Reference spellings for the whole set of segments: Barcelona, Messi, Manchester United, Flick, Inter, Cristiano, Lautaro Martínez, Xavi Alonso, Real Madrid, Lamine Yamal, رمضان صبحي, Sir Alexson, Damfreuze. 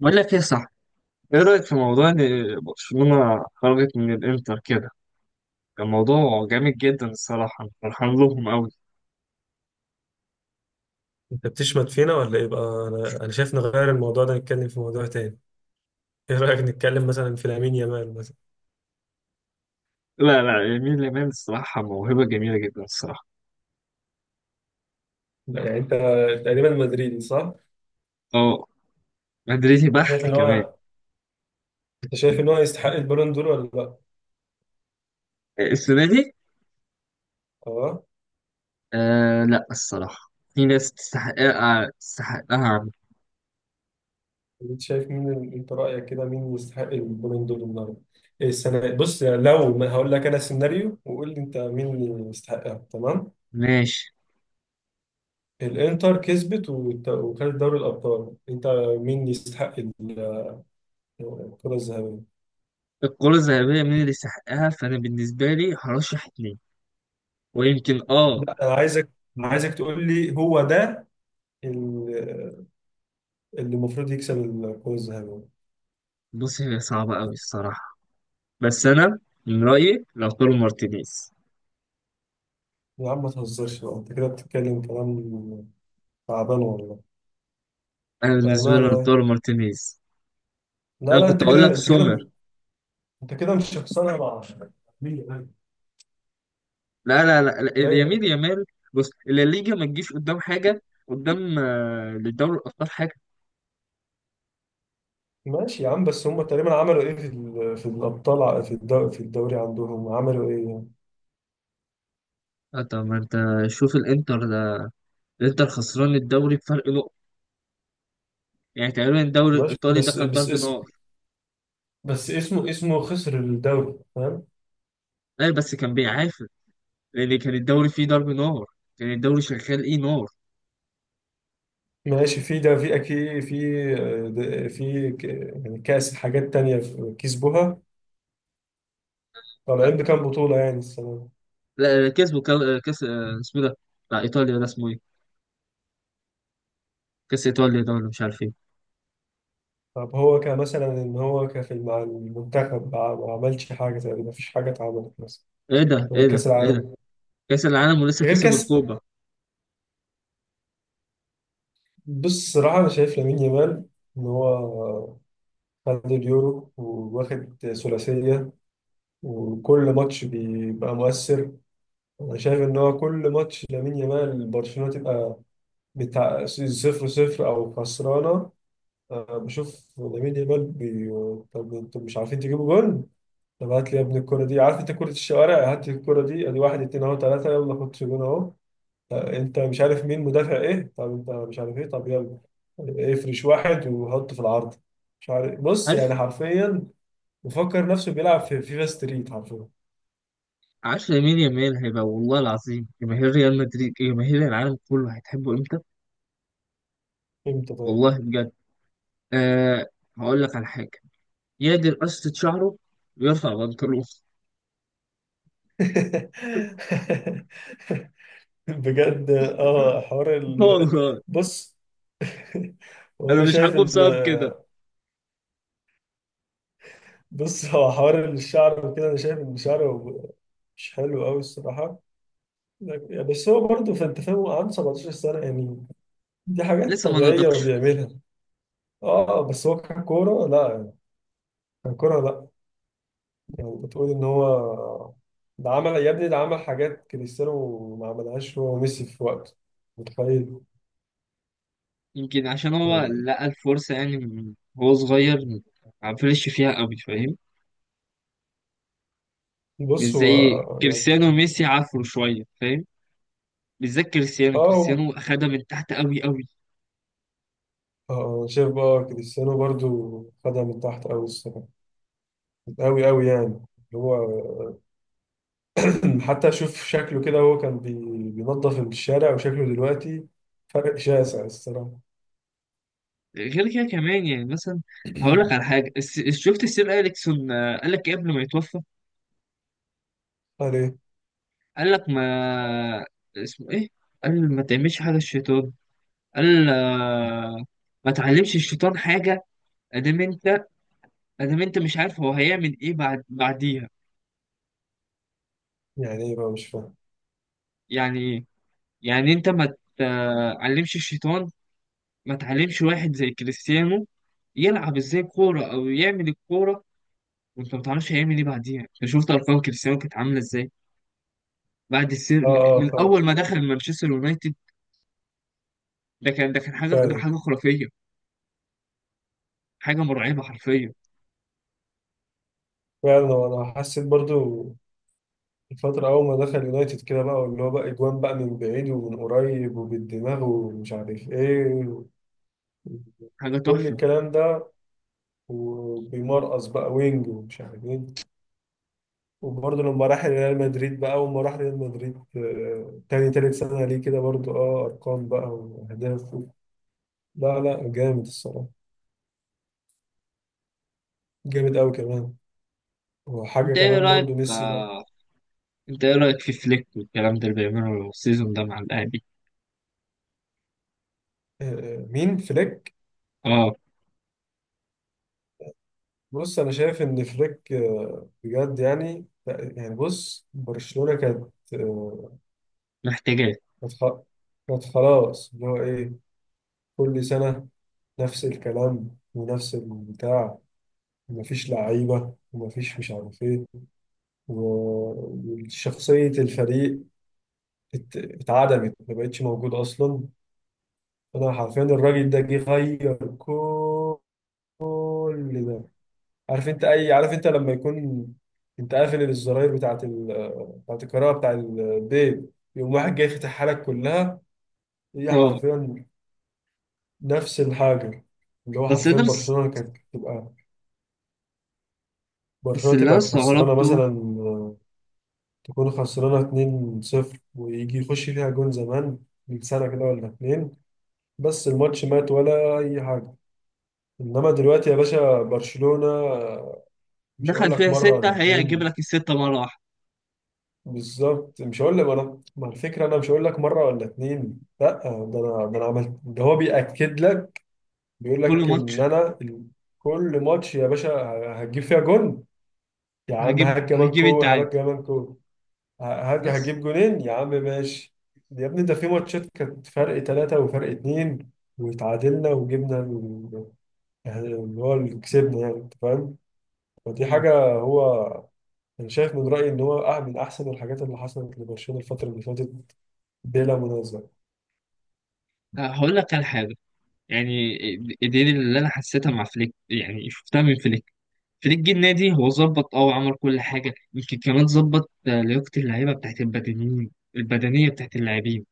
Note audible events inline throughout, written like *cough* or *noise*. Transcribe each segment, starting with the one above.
بقول لك ايه، صح؟ ايه رأيك في موضوع ان برشلونة خرجت من الانتر كده؟ كان موضوع جامد جدا الصراحة، أنا فرحان لهم قوي. انت بتشمت فينا ولا ايه بقى انا شايف نغير الموضوع ده نتكلم في موضوع تاني. ايه رايك نتكلم مثلا في لامين يامال مثلا. لا لا، يمين لمال الصراحة موهبة جميلة جدا الصراحة. لا، يعني انت تقريبا مدريدي صح؟ اه، مدريدي انت شايف بحت ان كمان. هو انت شايف ان هو يستحق البالون دور ولا لا؟ السنة دي. اه. آه لا، الصراحة في ناس تستحقها، تستحقها عم. انت شايف مين انت رايك كده مين يستحق البالون دور النهارده؟ ايه السنه. بص يعني لو ما هقول لك انا سيناريو وقول لي انت مين اللي يستحقها تمام؟ ماشي. الانتر كسبت وخدت دوري الابطال. انت مين يستحق الكره الذهبيه؟ الكرة الذهبية مين اللي يستحقها؟ فأنا بالنسبة لي هرشح اتنين ويمكن اه. لا انا عايزك تقول لي هو ده ال- اللي المفروض يكسب الكرة الذهبية. بص، هي صعبة قوي الصراحة، بس أنا من رأيي لو مارتينيز. يا عم ما تهزرش بقى، انت كده بتتكلم كلام تعبان والله، انا بالنسبه لي بأمانة يعني. لوتارو مارتينيز. لا انا لا كنت انت اقول كده لك سومر. انت كده مش شخصنها مع مين؟ لا لا لا لا، يمين باين. يامال. بص، الليجا ما تجيش قدام حاجه، قدام لدوري الابطال حاجه. ماشي يا عم، بس هم تقريبا عملوا ايه في في الابطال في الدوري عندهم عملوا ايه يعني. طب ما انت، شوف الانتر ده. الانتر خسران الدوري بفرق نقطه، يعني تقريبا الدوري ماشي الايطالي ده بس كان بس ضرب نار. بس اسمه خسر الدوري فاهم. لا بس كان بيعافر، لان كان الدوري فيه ضرب نار، كان الدوري شغال ايه نار. ماشي في ده في اكيد في في يعني كاس، حاجات تانية في كسبوها. آه، طالعين بكام بطولة يعني السنة دي. لا لا، كسبوا كاس، اسمه ده بتاع ايطاليا، ده اسمه ايه؟ كاس ايطاليا ده ولا مش عارف ايه. طب هو كمثلا ان هو كفي مع المنتخب ما عملش حاجة تقريبا، ما فيش حاجة اتعملت مثلا ايه ده، غير ايه ده، كاس ايه العالم ده، كاس العالم ولسه غير كسب كاس. الكوبا. بص الصراحة انا شايف لامين يامال ان هو خد اليورو واخد ثلاثية وكل ماتش بيبقى مؤثر. انا شايف ان هو كل ماتش لامين يامال برشلونة تبقى بتاع صفر صفر أو خسرانة. بشوف لامين يامال طب انتوا مش عارفين تجيبوا جول؟ طب هات لي يا ابني الكرة دي، عارف انت كرة الشوارع، هات لي الكرة دي ادي واحد اتنين اهو تلاتة يلا خد جون اهو. انت مش عارف مين مدافع ايه، طب انت مش عارف ايه، طب يلا افرش واحد وحطه في العارضة. مش عارف، بص عارف. يعني حرفيا مفكر نفسه بيلعب في فيفا ستريت حرفيا. عارف لامين يامال هيبقى والله العظيم، جماهير ريال مدريد جماهير العالم كله هتحبه امتى. امتى طيب. والله بجد. أه. هقول لك على حاجه، يقدر قصة شعره ويرفع بنطلون. *laughs* بجد اه حوار *laughs* والله. بص انا وانا مش شايف حابه ان بسبب كده. هو حوار الشعر وكده، انا شايف ان شعره مش حلو قوي الصراحه. بس هو برضه، فانت فاهم هو عنده 17 سنه يعني، دي حاجات لسه ما طبيعيه نضجش. وبيعملها. اه بس هو ككوره لا يعني، ككوره لا. يعني بتقول ان هو ده عمل يا ابني، ده عمل حاجات كريستيانو ما عملهاش هو وميسي في وقته، متخيل. يمكن عشان هو لقى الفرصه يعني، وهو صغير ما عفرش فيها قوي، فاهم؟ مش بص هو زي يعني كريستيانو وميسي، عفروا شويه فاهم. بالذات كريستيانو، اه كريستيانو اخدها من تحت قوي قوي. شايف بقى كريستيانو برضه خدها من تحت قوي الصراحه، أوي أوي يعني. اللي هو *clears throat* حتى أشوف شكله كده هو كان بينظف الشارع، وشكله دلوقتي فرق شاسع الصراحة. غير كده كمان يعني مثلا، هقول لك على *clears throat* حاجه. شفت السير اليكسون، قال لك إيه قبل ما يتوفى؟ قال إيه؟ قال لك ما اسمه ايه، قال ما تعملش حاجه الشيطان. قال، ما تعلمش الشيطان حاجه. ادام انت، ادام انت مش عارف هو هيعمل ايه بعد بعديها. يعني إيه بقى، مش فاهم. يعني ايه؟ يعني انت ما تعلمش الشيطان، ما تعلمش واحد زي كريستيانو يلعب ازاي كوره او يعمل الكوره وانت ما تعرفش هيعمل ايه بعديها. انت شفت ارقام كريستيانو كانت عامله ازاي بعد السير، آه آه من فاهم. اول ما دخل مانشستر يونايتد. ده كان حاجه، ده فعلا. حاجه خرافيه. حاجه مرعبه حرفيا. فعلا، وأنا حسيت برضو الفترة أول ما دخل يونايتد كده بقى، واللي هو بقى أجوان بقى من بعيد ومن قريب وبالدماغ ومش عارف إيه، حاجه كل تحفه. الكلام ده، وبيمرقص بقى وينج ومش عارف إيه. وبرضه لما راح ريال مدريد، بقى أول ما راح ريال مدريد تاني تالت سنة ليه كده برضه اه أرقام بقى وأهداف لا لا جامد الصراحة، جامد أوي كمان. وحاجة انت ايه كمان رايك، برضه ميسي بقى. انت ايه رايك في فليك والكلام ده اللي بيعمله السيزون ده مع الاهلي؟ آه، مين فليك؟ اه، بص أنا شايف إن فليك بجد يعني، بص برشلونة كانت محتاجاه. كانت خ- كانت خلاص اللي هو إيه، كل سنة نفس الكلام ونفس البتاع، ومفيش لعيبة ومفيش مش عارف إيه، وشخصية الفريق اتعدمت، ما بقتش موجود أصلا. أنا حرفيا الراجل ده جه غير كل ده. عارف أنت أي عارف أنت لما يكون أنت قافل الزراير بتاعة بتاعة الكهرباء بتاع البيت، يقوم واحد جاي يفتحها لك كلها. هي اه حرفيا نفس الحاجة. اللي هو بس حرفيا انا بس، برشلونة كانت تبقى، بس برشلونة اللي انا تبقى خسرانة استغربته، مثلا، تكون خسرانة 2-0 ويجي يخش فيها جون زمان من سنة كده ولا اتنين، بس الماتش مات ولا اي حاجه. انما دلوقتي يا باشا برشلونه، مش دخل هقول لك فيها مره ولا سته، هي هتجيب اتنين. لك السته مره واحده. بالظبط، مش هقول لك انا، ما الفكره انا مش هقول لك مره ولا اتنين لا، ده انا عملت ده، هو بياكد لك، بيقول كل لك ان ماتش. انا كل ماتش يا باشا هتجيب فيها جون. يا عم هجيب هات كمان هجيب كو، التعادل هات كمان كو. ه- هات بس. هتجيب جونين يا عم، ماشي. يا ابني ده في ماتشات كانت فرق ثلاثة وفرق اتنين واتعادلنا وجبنا، يعني اللي هو اللي كسبني يعني، انت فاهم. فدي مم. حاجة هو، انا شايف من رأيي ان هو من احسن الحاجات اللي حصلت لبرشلونة الفترة اللي فاتت، بلا منازع. هقول لك على حاجه، يعني إيه، دي اللي انا حسيتها مع فليك، يعني شفتها من فليك. فريق النادي هو ظبط وعمل كل حاجة، يمكن كمان ظبط لياقة اللعيبة بتاعت البدنيين، البدنية بتاعت اللاعبين.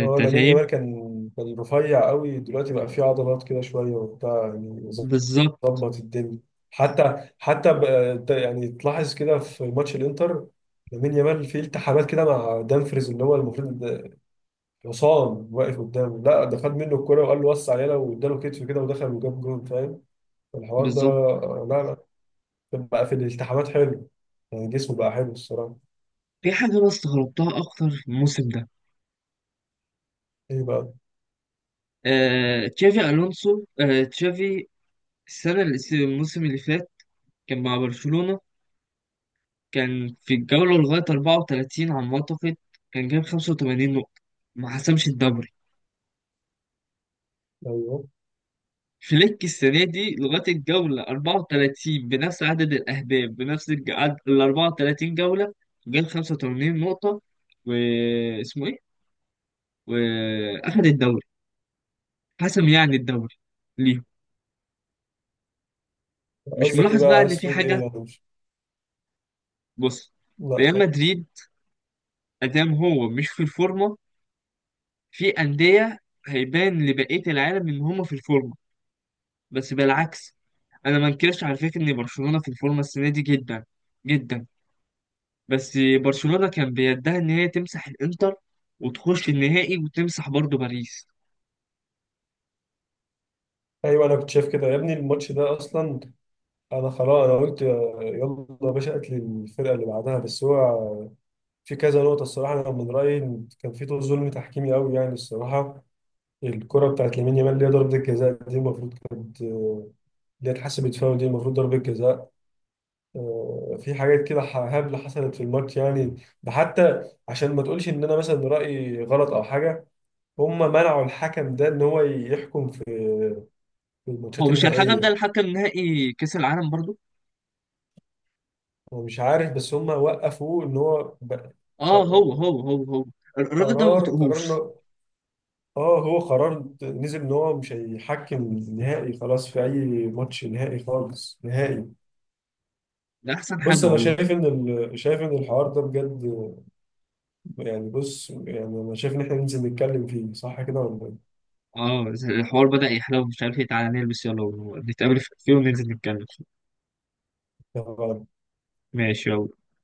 هو لامين فاهم؟ يامال كان رفيع قوي، دلوقتي بقى فيه عضلات كده شوية وبتاع يعني، بالظبط. ظبط الدنيا. يعني تلاحظ كده في ماتش الانتر، لامين يامال فيه التحامات كده مع دامفريز، اللي هو المفروض ده حصان واقف قدامه، لا ده خد منه الكرة وقال له وسع علينا واداله كتف كده ودخل وجاب جول، فاهم الحوار ده. بالظبط. لا لا، بقى في الالتحامات حلو يعني، جسمه بقى حلو الصراحة. في حاجة أنا استغربتها أكتر في الموسم ده، ايه بقى. تشافي ألونسو، تشافي. الموسم اللي فات كان مع برشلونة، كان في الجولة لغاية 34 على ما أعتقد، كان جاب 85 نقطة، ما حسمش الدوري. ايوه فليك السنة دي لغاية الجولة 34 بنفس عدد الأهداف، بنفس ال 34 جولة، جاب 85 نقطة، واسمه إيه؟ وأخد الدوري، حسم يعني الدوري. ليه؟ مش قصدك ايه ملاحظ بقى، بقى إن عايز في تقول حاجة؟ ايه يعني، مش بص، لا ريال يعني. مدريد، أدام هو مش في الفورمة، في أندية هيبان لبقية العالم إن هما في الفورمة. بس بالعكس، أنا ما انكرش على فكرة إن برشلونة في الفورمة السنة دي، جدا جدا، بس برشلونة كان بيدها ان هي تمسح الانتر وتخش النهائي وتمسح برضو باريس. ايوه انا كنت شايف كده يا ابني، الماتش ده اصلا انا خلاص انا قلت يلا يا باشا قتل الفرقة اللي بعدها، بس هو في كذا نقطة الصراحة، انا من رأيي إن كان في طول ظلم تحكيمي قوي يعني الصراحة. الكرة بتاعت لامين يامال اللي هي ضربة الجزاء دي المفروض كانت اللي هي اتحسبت فاول، دي المفروض ضربة جزاء. في حاجات كده هبلة حصلت في الماتش يعني. ده حتى عشان ما تقولش ان انا مثلا رأيي غلط او حاجة، هم منعوا الحكم ده ان هو يحكم في في هو الماتشات مش الحكم ده النهائية. الحكم نهائي كأس العالم برضو؟ هو مش عارف، بس هم وقفوه ان هو ق- اه، هو هو هو هو الراجل ده ما قرار بطيقهوش. إنه- اه هو قرار نزل ان هو مش هيحكم نهائي، خلاص في اي ماتش نهائي، خالص نهائي. ده احسن بص حاجة انا والله. شايف ان شايف ان الحوار ده بجد يعني، بص يعني انا شايف ان احنا ننزل نتكلم فيه، صح كده ولا اه، الحوار بدأ يحلو، مش عارف ايه، تعالى نلبس يلا ونتقابل في الكافيه وننزل نتكلم. إيه؟ ماشي يلا.